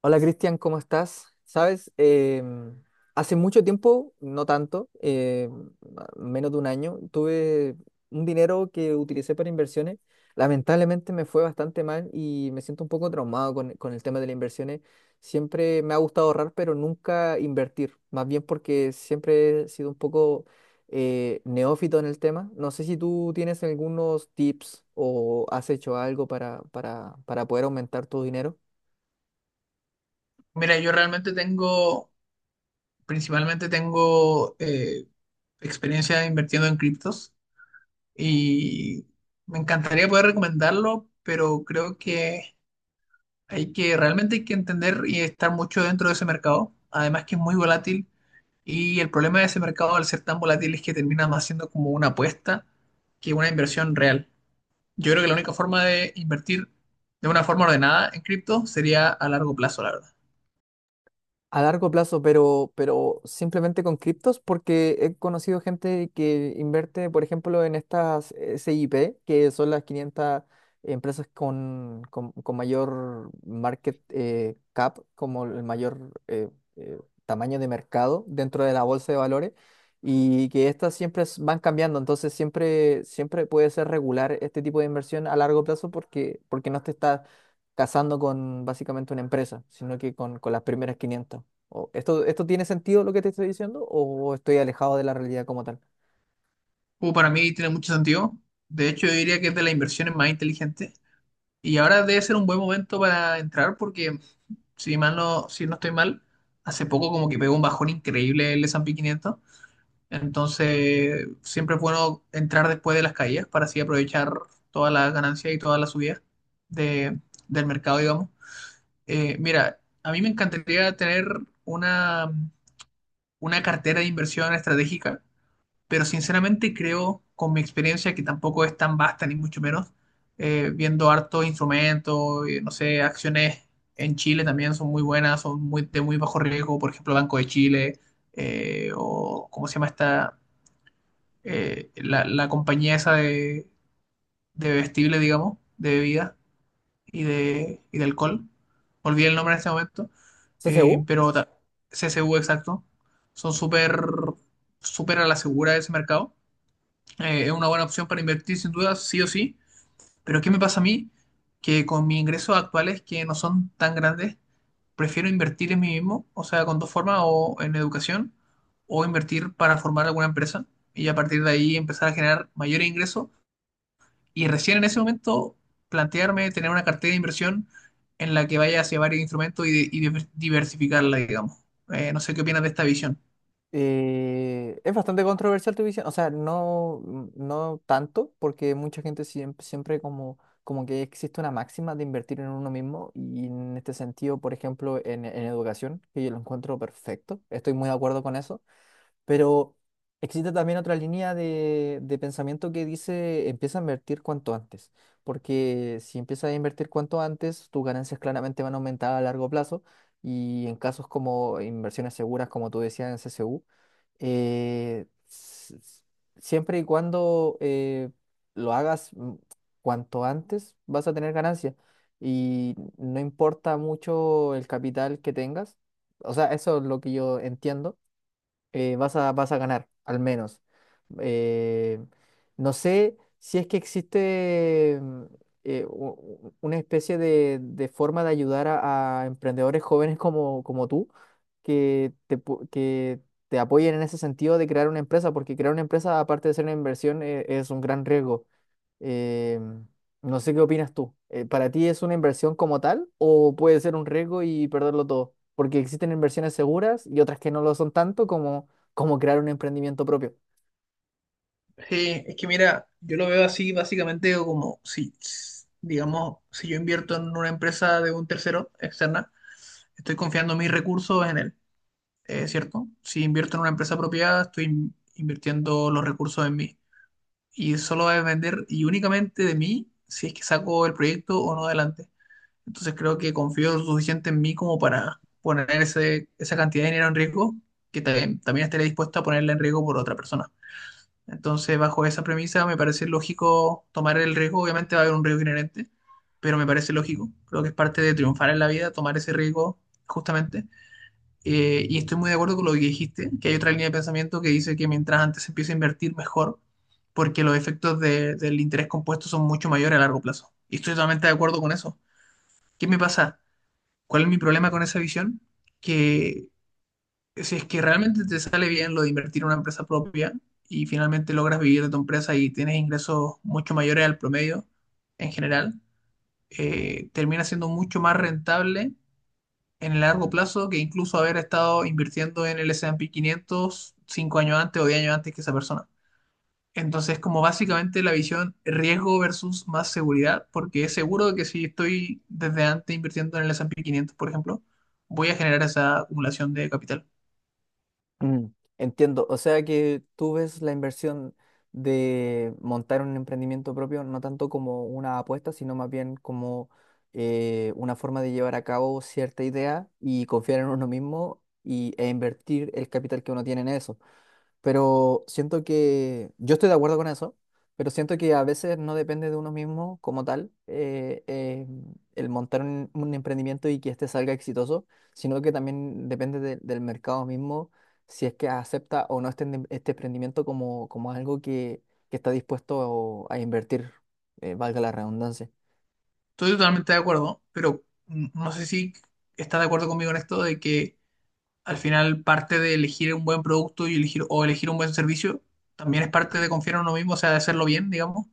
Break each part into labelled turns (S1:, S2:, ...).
S1: Hola Cristian, ¿cómo estás? Sabes, hace mucho tiempo, no tanto, menos de un año, tuve un dinero que utilicé para inversiones. Lamentablemente me fue bastante mal y me siento un poco traumado con el tema de las inversiones. Siempre me ha gustado ahorrar, pero nunca invertir, más bien porque siempre he sido un poco neófito en el tema. No sé si tú tienes algunos tips o has hecho algo para poder aumentar tu dinero.
S2: Mira, yo realmente tengo, principalmente tengo experiencia invirtiendo en criptos y me encantaría poder recomendarlo, pero creo que realmente hay que entender y estar mucho dentro de ese mercado. Además que es muy volátil y el problema de ese mercado al ser tan volátil es que termina más siendo como una apuesta que una inversión real. Yo creo que la única forma de invertir de una forma ordenada en cripto sería a largo plazo, la verdad.
S1: A largo plazo, pero simplemente con criptos, porque he conocido gente que invierte, por ejemplo, en estas S I P que son las 500 empresas con mayor market cap, como el mayor eh, tamaño de mercado dentro de la bolsa de valores, y que estas siempre van cambiando, entonces siempre, siempre puede ser regular este tipo de inversión a largo plazo porque no te estás casando con básicamente una empresa, sino que con las primeras 500. ¿Esto, esto tiene sentido lo que te estoy diciendo o estoy alejado de la realidad como tal?
S2: Para mí tiene mucho sentido. De hecho, yo diría que es de las inversiones más inteligentes. Y ahora debe ser un buen momento para entrar porque, si no estoy mal, hace poco como que pegó un bajón increíble el S&P 500. Entonces, siempre es bueno entrar después de las caídas para así aprovechar todas las ganancias y todas las subidas de- del mercado, digamos. Mira, a mí me encantaría tener una, una cartera de inversión estratégica, pero sinceramente creo, con mi experiencia, que tampoco es tan vasta, ni mucho menos, viendo hartos instrumentos, no sé, acciones en Chile también son muy buenas, son muy, de muy bajo riesgo, por ejemplo, Banco de Chile, o cómo se llama esta, la compañía esa de vestible, digamos, de bebida y de alcohol. Olvidé el nombre en este momento, eh,
S1: CCU.
S2: pero ta- CCU exacto. Son súper, súper a la segura de ese mercado. Es una buena opción para invertir sin duda, sí o sí. Pero ¿qué me pasa a mí? Que con mis ingresos actuales, que no son tan grandes, prefiero invertir en mí mismo, o sea, con dos formas, o en educación, o invertir para formar alguna empresa y a partir de ahí empezar a generar mayores ingresos y recién en ese momento plantearme tener una cartera de inversión en la que vaya hacia varios instrumentos y, y diversificarla, digamos. No sé qué opinas de esta visión.
S1: Es bastante controversial tu visión, o sea, no, mm, no tanto, porque mucha gente siempre, siempre como, como que existe una máxima de invertir en uno mismo y en este sentido, por ejemplo, en educación, que yo lo encuentro perfecto, estoy muy de acuerdo con eso. Pero existe también otra línea de pensamiento que dice empieza a invertir cuanto antes, porque si empiezas a invertir cuanto antes, tus ganancias claramente van a aumentar a largo plazo y en casos como inversiones seguras, como tú decías en CCU, eh, s- s- siempre y cuando lo hagas cuanto antes, vas a tener ganancias y no importa mucho el capital que tengas, o sea, eso es lo que yo entiendo. Vas a, vas a ganar, al menos. Eh, no sé si es que existe una especie de forma de ayudar a emprendedores jóvenes como, como tú, que te, que te apoyen en ese sentido de crear una empresa, porque crear una empresa, aparte de ser una inversión, es un gran riesgo. Eh, no sé qué opinas tú. ¿Para ti es una inversión como tal o puede ser un riesgo y perderlo todo? Porque existen inversiones seguras y otras que no lo son tanto como, como crear un emprendimiento propio.
S2: Sí, es que mira, yo lo veo así básicamente como si, digamos, si yo invierto en una empresa de un tercero externa, estoy confiando mis recursos en él, ¿cierto? Si invierto en una empresa propia, estoy invirtiendo los recursos en mí. Y solo va a depender y únicamente de mí si es que saco el proyecto o no adelante. Entonces creo que confío lo suficiente en mí como para poner esa cantidad de dinero en riesgo, que también estaré dispuesto a ponerla en riesgo por otra persona. Entonces, bajo esa premisa, me parece lógico tomar el riesgo. Obviamente va a haber un riesgo inherente, pero me parece lógico. Creo que es parte de triunfar en la vida, tomar ese riesgo justamente. Y estoy muy de acuerdo con lo que dijiste, que hay otra línea de pensamiento que dice que mientras antes se empiece a invertir, mejor, porque los efectos del interés compuesto son mucho mayores a largo plazo. Y estoy totalmente de acuerdo con eso. ¿Qué me pasa? ¿Cuál es mi problema con esa visión? Que si es que realmente te sale bien lo de invertir en una empresa propia y finalmente logras vivir de tu empresa y tienes ingresos mucho mayores al promedio en general, termina siendo mucho más rentable en el largo plazo que incluso haber estado invirtiendo en el S&P 500 5 años antes o 10 años antes que esa persona. Entonces, como básicamente la visión riesgo versus más seguridad, porque es seguro de que si estoy desde antes invirtiendo en el S&P 500, por ejemplo, voy a generar esa acumulación de capital.
S1: Mm, entiendo. O sea que tú ves la inversión de montar un emprendimiento propio no tanto como una apuesta, sino más bien como una forma de llevar a cabo cierta idea y confiar en uno mismo y, e invertir el capital que uno tiene en eso. Pero siento que yo estoy de acuerdo con eso, pero siento que a veces no depende de uno mismo como tal el montar un emprendimiento y que este salga exitoso, sino que también depende del mercado mismo si es que acepta o no este, este emprendimiento como, como algo que está dispuesto a invertir, valga la redundancia.
S2: Estoy totalmente de acuerdo, pero no sé si estás de acuerdo conmigo en esto de que al final parte de elegir un buen producto y elegir un buen servicio también es parte de confiar en uno mismo, o sea, de hacerlo bien, digamos.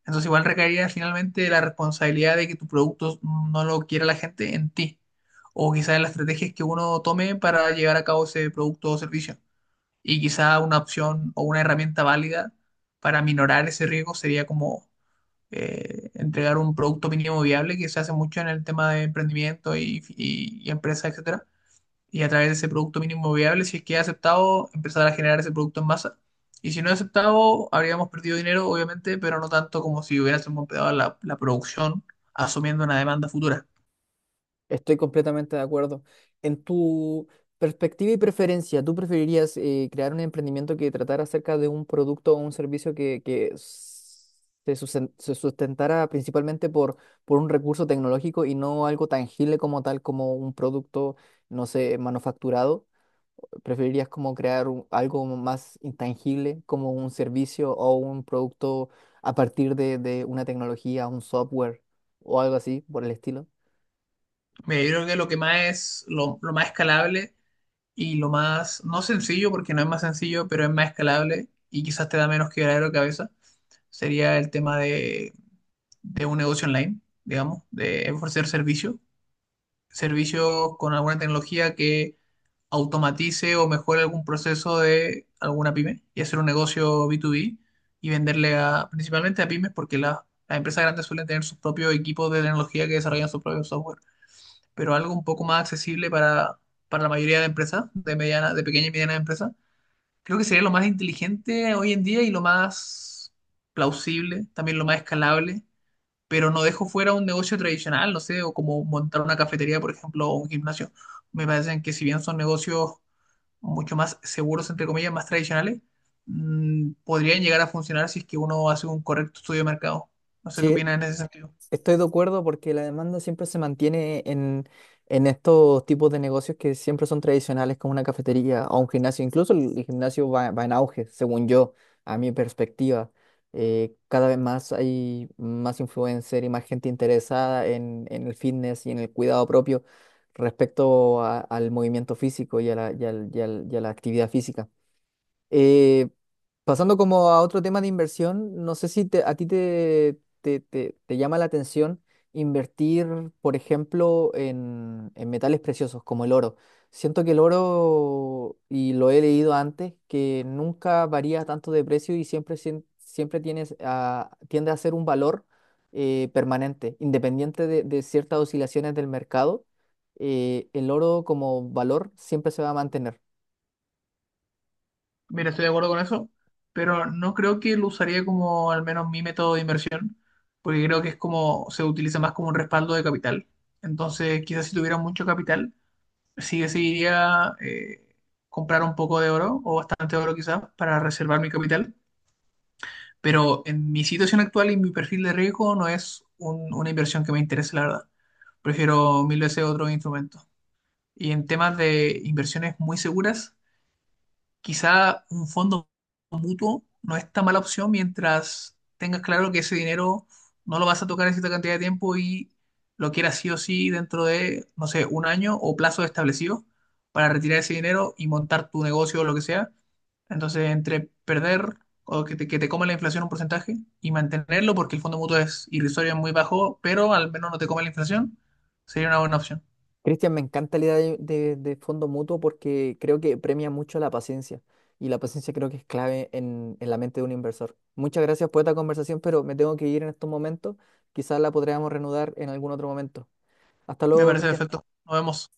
S2: Entonces igual recaería finalmente de la responsabilidad de que tu producto no lo quiera la gente en ti, o quizás en las estrategias que uno tome para llevar a cabo ese producto o servicio. Y quizá una opción o una herramienta válida para minorar ese riesgo sería como entregar un producto mínimo viable que se hace mucho en el tema de emprendimiento y empresas, etcétera. Y a través de ese producto mínimo viable, si es que es aceptado, empezar a generar ese producto en masa. Y si no es aceptado, habríamos perdido dinero, obviamente, pero no tanto como si hubiésemos empezado la producción asumiendo una demanda futura.
S1: Estoy completamente de acuerdo. En tu perspectiva y preferencia, ¿tú preferirías crear un emprendimiento que tratara acerca de un producto o un servicio que se sustentara principalmente por un recurso tecnológico y no algo tangible como tal, como un producto, no sé, ¿manufacturado? ¿Preferirías como crear algo más intangible, como un servicio o un producto a partir de una tecnología, un software o algo así por el estilo?
S2: Mira, yo creo que lo más escalable y lo más, no sencillo, porque no es más sencillo, pero es más escalable y quizás te da menos quebradero de cabeza, sería el tema de un negocio online, digamos, de ofrecer servicios con alguna tecnología que automatice o mejore algún proceso de alguna pyme y hacer un negocio B2B y venderle a, principalmente a pymes porque las empresas grandes suelen tener sus propios equipos de tecnología que desarrollan su propio software, pero algo un poco más accesible para la mayoría de empresas, de mediana, de pequeña y mediana empresa, creo que sería lo más inteligente hoy en día y lo más plausible, también lo más escalable, pero no dejo fuera un negocio tradicional, no sé, o como montar una cafetería, por ejemplo, o un gimnasio. Me parecen que si bien son negocios mucho más seguros, entre comillas, más tradicionales, podrían llegar a funcionar si es que uno hace un correcto estudio de mercado. No sé qué
S1: Sí,
S2: opinas en ese sentido.
S1: estoy de acuerdo porque la demanda siempre se mantiene en estos tipos de negocios que siempre son tradicionales, como una cafetería o un gimnasio. Incluso el gimnasio va, va en auge, según yo, a mi perspectiva. Cada vez más hay más influencer y más gente interesada en el fitness y en el cuidado propio respecto al movimiento físico y a la, y a la actividad física. Eh, Pasando como a otro tema de inversión, no sé si a ti te llama la atención invertir, por ejemplo, en metales preciosos como el oro. Siento que el oro, y lo he leído antes, que nunca varía tanto de precio y siempre, siempre tienes tiende a ser un valor permanente, independiente de ciertas oscilaciones del mercado. El oro como valor siempre se va a mantener.
S2: Mira, estoy de acuerdo con eso, pero no creo que lo usaría como al menos mi método de inversión, porque creo que es como se utiliza más como un respaldo de capital. Entonces, quizás si tuviera mucho capital, sí o sí iría comprar un poco de oro o bastante oro quizás para reservar mi capital, pero en mi situación actual y mi perfil de riesgo no es una inversión que me interese, la verdad. Prefiero mil veces otros instrumentos. Y en temas de inversiones muy seguras, quizá un fondo mutuo no es tan mala opción mientras tengas claro que ese dinero no lo vas a tocar en cierta cantidad de tiempo y lo quieras sí o sí dentro de, no sé, un año o plazo establecido para retirar ese dinero y montar tu negocio o lo que sea. Entonces, entre perder o que te coma la inflación un porcentaje y mantenerlo porque el fondo mutuo es irrisorio, es muy bajo, pero al menos no te come la inflación, sería una buena opción.
S1: Cristian, me encanta la idea de, de fondo mutuo porque creo que premia mucho la paciencia y la paciencia creo que es clave en la mente de un inversor. Muchas gracias por esta conversación, pero me tengo que ir en estos momentos. Quizás la podríamos reanudar en algún otro momento. Hasta
S2: Me
S1: luego,
S2: parece
S1: Cristian.
S2: perfecto. Nos vemos.